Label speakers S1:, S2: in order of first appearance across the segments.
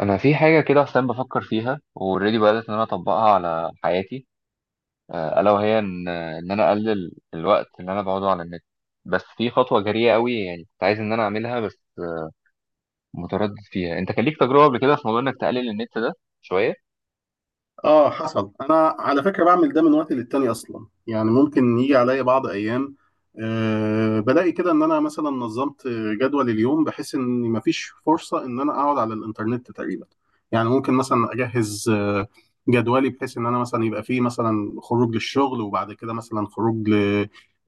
S1: انا في حاجه كده اصلا بفكر فيها واوريدي بدات ان انا اطبقها على حياتي. الا وهي ان انا اقلل الوقت اللي انا بقعده على النت. بس في خطوه جريئه قوي يعني كنت عايز ان انا اعملها، بس متردد فيها. انت كان ليك تجربه قبل كده في موضوع انك تقلل النت ده شويه؟
S2: اه حصل، انا على فكره بعمل ده من وقت للتاني اصلا. يعني ممكن يجي عليا بعض ايام بلاقي كده ان انا مثلا نظمت جدول اليوم بحيث ان مفيش فرصه ان انا اقعد على الانترنت تقريبا. يعني ممكن مثلا اجهز جدولي بحيث ان انا مثلا يبقى فيه مثلا خروج للشغل، وبعد كده مثلا خروج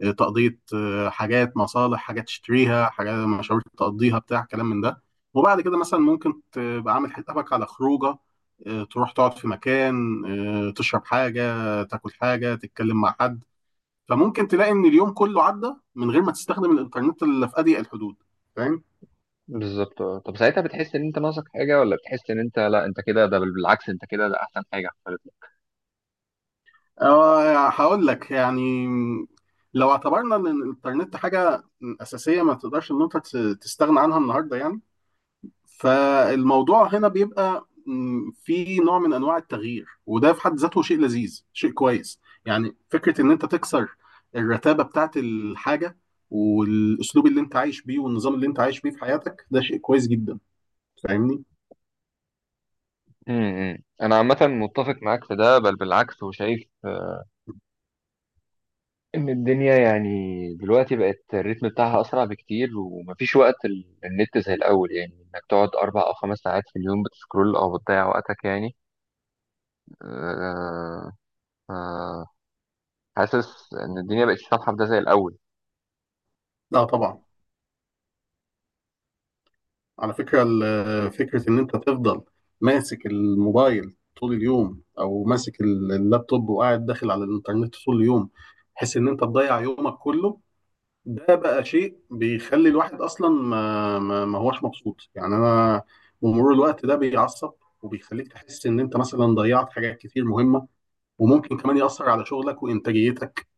S2: لتقضيه حاجات، مصالح، حاجات تشتريها، حاجات مشاوير تقضيها، بتاع كلام من ده. وبعد كده مثلا ممكن تبقى عامل حسابك على خروجه، تروح تقعد في مكان، تشرب حاجة، تاكل حاجة، تتكلم مع حد. فممكن تلاقي ان اليوم كله عدى من غير ما تستخدم الانترنت الا في اضيق الحدود. فاهم؟
S1: بالظبط. اه طب ساعتها بتحس ان انت ناقصك حاجه، ولا بتحس ان انت، لا، انت كده ده، بل بالعكس، انت كده ده احسن حاجه حصلت لك؟
S2: هقول لك يعني، لو اعتبرنا ان الانترنت حاجة أساسية ما تقدرش ان انت تستغنى عنها النهاردة يعني، فالموضوع هنا بيبقى في نوع من انواع التغيير، وده في حد ذاته شيء لذيذ، شيء كويس. يعني فكره ان انت تكسر الرتابه بتاعت الحاجه والاسلوب اللي انت عايش بيه والنظام اللي انت عايش بيه في حياتك، ده شيء كويس جدا. فاهمني؟
S1: انا عامه متفق معاك في ده، بل بالعكس. وشايف ان الدنيا يعني دلوقتي بقت الريتم بتاعها اسرع بكتير، ومفيش وقت النت زي الاول، يعني انك تقعد 4 أو 5 ساعات في اليوم بتسكرول او بتضيع وقتك يعني. آه، آه، حاسس ان الدنيا بقت سامحه بده زي الاول.
S2: لا طبعا. على فكره فكره ان انت تفضل ماسك الموبايل طول اليوم، او ماسك اللابتوب وقاعد داخل على الانترنت طول اليوم بحيث ان انت تضيع يومك كله، ده بقى شيء بيخلي الواحد اصلا ما هوش مبسوط. يعني انا بمرور الوقت ده بيعصب وبيخليك تحس ان انت مثلا ضيعت حاجات كتير مهمه، وممكن كمان ياثر على شغلك وانتاجيتك.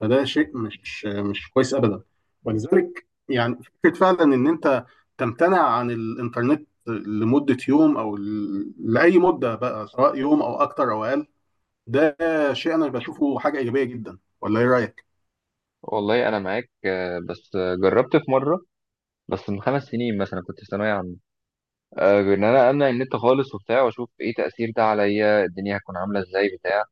S2: فده شيء مش كويس ابدا. ولذلك يعني فكره فعلا ان انت تمتنع عن الانترنت لمده يوم او لاي مده بقى، سواء يوم او اكتر او اقل، ده شيء انا بشوفه حاجه ايجابيه جدا. ولا ايه رايك؟
S1: والله انا معاك، بس جربت في مره، بس من 5 سنين مثلا كنت في ثانويه عامه، ان انا امنع النت خالص وبتاع واشوف ايه تاثير ده عليا، الدنيا هتكون عامله ازاي بتاع.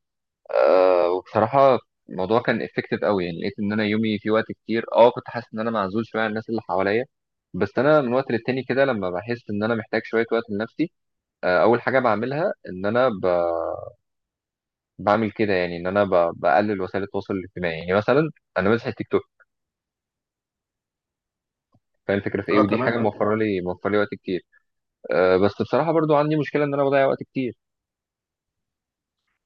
S1: وبصراحة الموضوع كان افكتيف قوي، يعني لقيت ان انا يومي في وقت كتير، كنت حاسس ان انا معزول شوية عن الناس اللي حواليا. بس انا من وقت للتاني كده لما بحس ان انا محتاج شوية وقت لنفسي، اول حاجة بعملها ان انا بعمل كده، يعني ان انا بقلل وسائل التواصل الاجتماعي، يعني مثلا انا ماسح التيك توك، فاهم الفكرة في ايه،
S2: اه
S1: ودي حاجة
S2: تمام.
S1: موفرة لي موفرة لي وقت كتير. بس بصراحة برضو عندي مشكلة ان انا بضيع وقت كتير.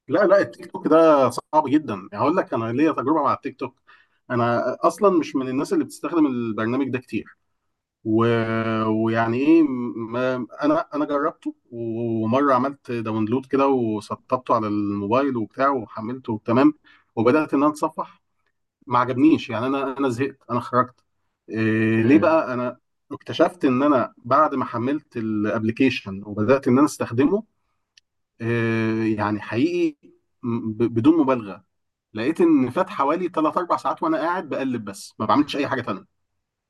S2: لا لا، التيك توك ده صعب جدا. يعني هقول لك، انا ليا تجربه مع التيك توك، انا اصلا مش من الناس اللي بتستخدم البرنامج ده كتير. و... ويعني ايه، ما... انا جربته، ومره عملت داونلود كده وسطبته على الموبايل وبتاع وحملته تمام، وبدات ان انا اتصفح. ما عجبنيش يعني، انا زهقت، انا خرجت. إيه ليه
S1: مم.
S2: بقى؟ انا اكتشفت ان انا بعد ما حملت الابليكيشن وبدات ان انا استخدمه، إيه يعني، حقيقي بدون مبالغه لقيت ان فات حوالي 3 4 ساعات وانا قاعد بقلب بس، ما بعملش اي حاجه تانية.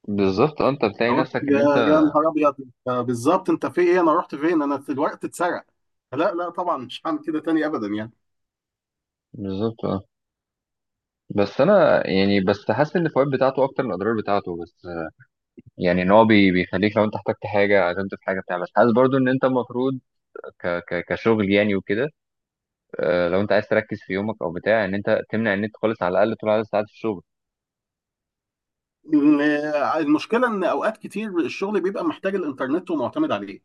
S1: بالظبط. انت بتلاقي
S2: فقلت
S1: نفسك ان انت.
S2: يا نهار ابيض، أنت بالظبط انت في ايه، انا رحت فين، انا في الوقت اتسرق. لا لا طبعا، مش هعمل كده تاني ابدا يعني.
S1: بالظبط. اه بس انا يعني، بس حاسس ان الفوائد بتاعته اكتر من الاضرار بتاعته، بس يعني ان هو بيخليك لو انت احتجت حاجه، عزمت في حاجه بتاع. بس حاسس برضو ان انت المفروض ك ك كشغل يعني وكده. لو انت عايز تركز في يومك او بتاع، ان انت تمنع النت خالص على الاقل طول عدد ساعات الشغل.
S2: ال- المشكله ان اوقات كتير الشغل بيبقى محتاج الانترنت ومعتمد عليه.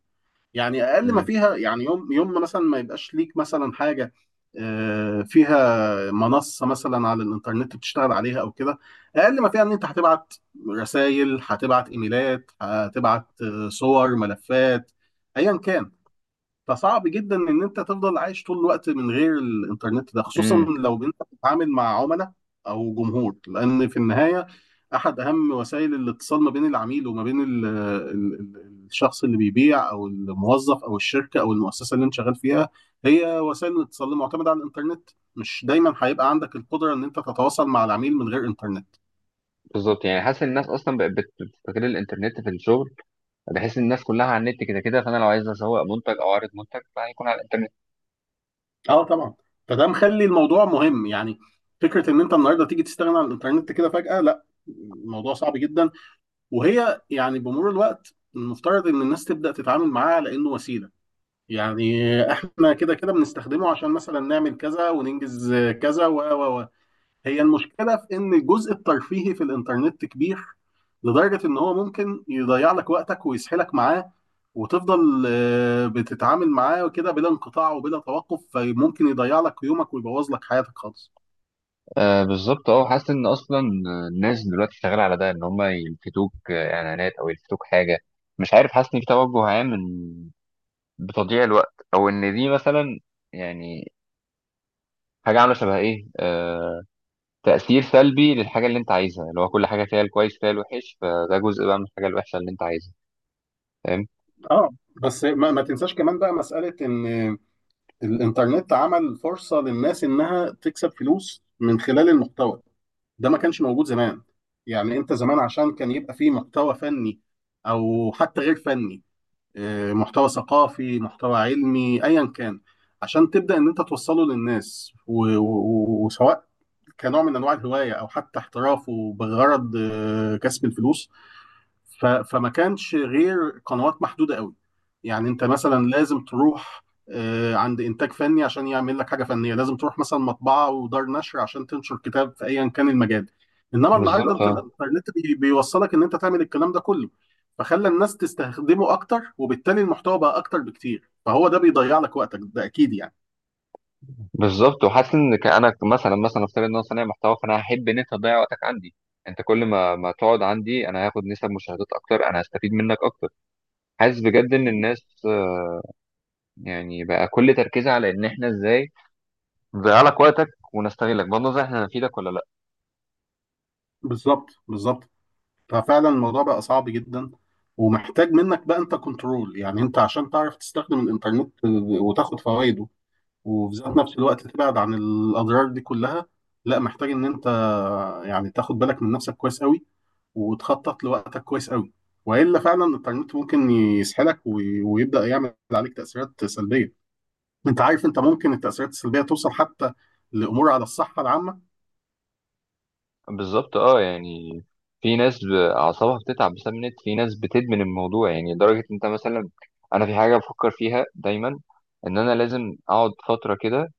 S2: يعني اقل ما
S1: امم
S2: فيها، يعني يوم، يوم ما مثلا ما يبقاش ليك مثلا حاجه فيها منصه مثلا على الانترنت بتشتغل عليها او كده، اقل ما فيها ان انت هتبعت رسائل، هتبعت ايميلات، هتبعت صور، ملفات، ايا كان. فصعب جدا ان انت تفضل عايش طول الوقت من غير الانترنت ده، خصوصا
S1: امم
S2: لو انت بتتعامل مع عملاء او جمهور، لان في النهايه احد اهم وسائل الاتصال ما بين العميل وما بين ال الشخص اللي بيبيع او الموظف او الشركه او المؤسسه اللي انت شغال فيها، هي وسائل الاتصال اللي معتمده على الانترنت. مش دايما هيبقى عندك القدره ان انت تتواصل مع العميل من غير انترنت.
S1: بالظبط، يعني حاسس ان الناس اصلا بقت بتستغل الانترنت في الشغل، بحيث ان الناس كلها على النت كده كده، فانا لو عايز اسوق منتج او اعرض منتج فهيكون على الانترنت.
S2: اه طبعا، فده مخلي الموضوع مهم يعني. فكره ان انت النهارده تيجي تستغنى عن الانترنت كده فجاه، لا الموضوع صعب جدا. وهي يعني بمرور الوقت المفترض ان الناس تبدا تتعامل معاه على انه وسيله يعني. احنا كده كده بنستخدمه عشان مثلا نعمل كذا وننجز كذا و هي المشكله في ان الجزء الترفيهي في الانترنت كبير لدرجه ان هو ممكن يضيع لك وقتك ويسحلك معاه، وتفضل بتتعامل معاه كده بلا انقطاع وبلا توقف، فممكن يضيع لك يومك ويبوظ لك حياتك خالص.
S1: بالظبط. اه حاسس ان اصلا الناس دلوقتي شغاله على ده، ان هم يلفتوك، اعلانات او يلفتوك حاجه، مش عارف. حاسس ان في توجه عام من بتضييع الوقت، او ان دي مثلا يعني حاجه عامله شبه ايه، تاثير سلبي للحاجه اللي انت عايزها، اللي هو كل حاجه فيها الكويس فيها الوحش، فده جزء بقى من الحاجه الوحشه اللي انت عايزها، فاهم؟
S2: اه بس ما تنساش كمان بقى مساله ان الانترنت عمل فرصة للناس انها تكسب فلوس من خلال المحتوى. ده ما كانش موجود زمان. يعني انت زمان عشان كان يبقى فيه محتوى فني او حتى غير فني، محتوى ثقافي، محتوى علمي، ايا كان، عشان تبدأ ان انت توصله للناس، وسواء كنوع من انواع الهواية او حتى احترافه بغرض كسب الفلوس، فما كانش غير قنوات محدودة قوي. يعني انت مثلا لازم تروح عند انتاج فني عشان يعمل لك حاجة فنية، لازم تروح مثلا مطبعة ودار نشر عشان تنشر كتاب في ايا كان المجال. انما النهارده
S1: بالظبط.
S2: انت
S1: اه
S2: الانترنت بيوصلك ان انت تعمل الكلام ده كله. فخلى الناس تستخدمه اكتر وبالتالي المحتوى بقى اكتر بكتير فهو ده بيضيع لك وقتك ده اكيد يعني
S1: بالظبط. وحاسس ان انا مثلا، افترض ان انا صانع محتوى، فانا هحب ان انت تضيع وقتك عندي. انت كل ما تقعد عندي، انا هاخد نسب مشاهدات اكتر، انا هستفيد منك اكتر. حاسس بجد ان الناس، يعني بقى كل تركيزها على ان احنا ازاي نضيع لك وقتك ونستغلك، بغض النظر احنا هنفيدك ولا لا.
S2: بالظبط بالظبط. ففعلا الموضوع بقى صعب جدا، ومحتاج منك بقى انت كنترول. يعني انت عشان تعرف تستخدم الانترنت وتاخد فوائده وفي ذات نفس الوقت تبعد عن الاضرار دي كلها، لا محتاج ان انت يعني تاخد بالك من نفسك كويس قوي، وتخطط لوقتك كويس قوي، والا فعلا الانترنت ممكن يسحلك ويبدا يعمل عليك تاثيرات سلبيه. انت عارف، انت ممكن التاثيرات السلبيه توصل حتى لامور على الصحه العامه.
S1: بالظبط. اه يعني في ناس اعصابها بتتعب بسبب النت، في ناس بتدمن الموضوع يعني لدرجه. انت مثلا، انا في حاجه بفكر فيها دايما، ان انا لازم اقعد فتره كده،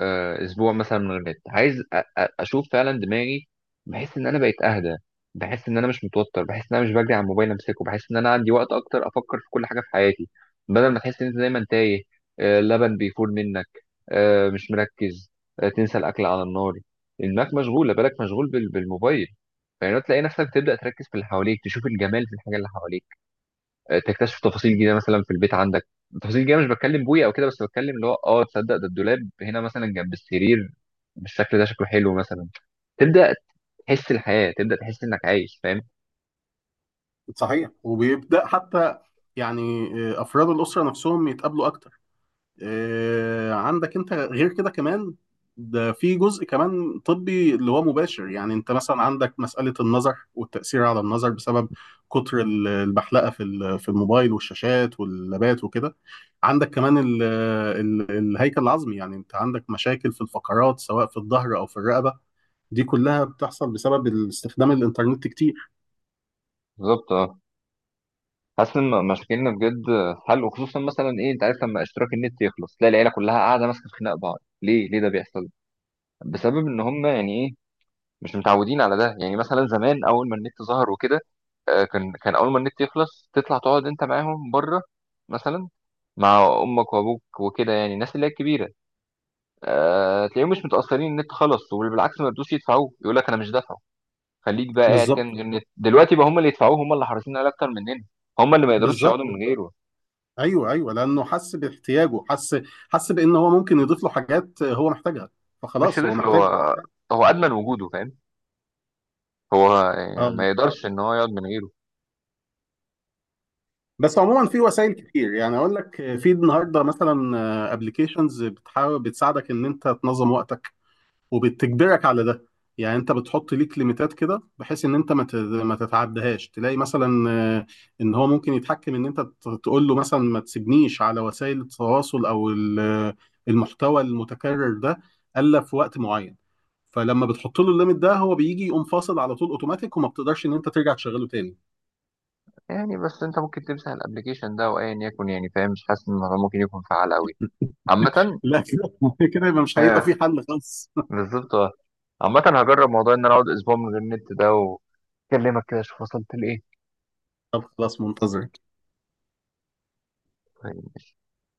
S1: اسبوع مثلا من غير نت، عايز اشوف فعلا دماغي. بحس ان انا بقيت اهدى، بحس ان انا مش متوتر، بحس ان انا مش بجري على الموبايل امسكه، بحس ان انا عندي وقت اكتر افكر في كل حاجه في حياتي، بدل ما تحس ان انت دايما تايه، لبن بيفور منك، مش مركز، تنسى الاكل على النار، انك مشغول بالك مشغول بالموبايل. يعني تلاقي نفسك تبدا تركز في اللي حواليك، تشوف الجمال في الحاجه اللي حواليك، تكتشف تفاصيل جديده مثلا في البيت عندك، تفاصيل جديده، مش بتكلم بويا او كده، بس بتكلم اللي هو، تصدق ده الدولاب هنا مثلا جنب السرير، بالشكل ده شكله حلو مثلا. تبدا تحس الحياه، تبدا تحس انك عايش، فاهم؟
S2: صحيح، وبيبدا حتى يعني افراد الاسره نفسهم يتقابلوا. عندك انت غير كده كمان، ده في جزء كمان طبي اللي هو مباشر. يعني انت مثلا عندك مسألة النظر والتأثير على النظر بسبب كتر البحلقة في في الموبايل والشاشات واللابات وكده. عندك كمان ال الهيكل العظمي، يعني انت عندك مشاكل في الفقرات سواء في الظهر او في الرقبة، دي كلها بتحصل بسبب استخدام الانترنت كتير.
S1: بالظبط. اه حاسس ان مشاكلنا بجد حل، وخصوصا مثلا ايه، انت عارف لما اشتراك النت يخلص، تلاقي العيله كلها قاعده ماسكه في خناق بعض. ليه ده بيحصل؟ بسبب ان هم يعني ايه، مش متعودين على ده. يعني مثلا زمان اول ما النت ظهر وكده، كان اول ما النت يخلص تطلع تقعد انت معاهم بره، مثلا مع امك وابوك وكده، يعني الناس اللي هي الكبيره، تلاقيهم مش متاثرين، النت خلص، وبالعكس ما يردوش يدفعوه، يقول لك انا مش دافعه، خليك بقى قاعد
S2: بالظبط
S1: كان من غير النت. دلوقتي بقى هم اللي يدفعوه، هم اللي حريصين عليه اكتر مننا. هم اللي ما يقدروش
S2: بالظبط.
S1: يقعدوا من غيره،
S2: ايوه ايوه، لانه حس باحتياجه، حس، حس بان هو ممكن يضيف له حاجات هو محتاجها،
S1: مش
S2: فخلاص هو
S1: طفل هو؟
S2: محتاجه.
S1: هو ادمن وجوده، فاهم؟ هو يعني
S2: اه.
S1: ما يقدرش ان هو يقعد من غيره.
S2: بس عموما في وسائل كتير، يعني اقول لك في النهارده مثلا ابلكيشنز بتحاول بتساعدك ان انت تنظم وقتك وبتجبرك على ده. يعني انت بتحط ليك ليميتات كده بحيث ان انت ما تتعدهاش، تلاقي مثلا آه، ان هو ممكن يتحكم ان انت تقول له مثلا ما تسيبنيش على وسائل التواصل او المحتوى المتكرر ده الا في وقت معين. فلما بتحط له الليميت ده هو بيجي يقوم فاصل على طول اوتوماتيك، وما بتقدرش ان انت ترجع تشغله تاني.
S1: يعني بس انت ممكن تمسح الابلكيشن ده وايا يكن، يعني فاهم؟ مش حاسس ان الموضوع ممكن يكون فعال قوي عامة.
S2: لا كده كده يبقى مش هيبقى
S1: اه
S2: في حل خالص.
S1: بالظبط. اه عامة هجرب موضوع ان انا اقعد اسبوع من غير النت ده، واكلمك كده اشوف وصلت لايه.
S2: طب خلاص، منتظر.
S1: طيب.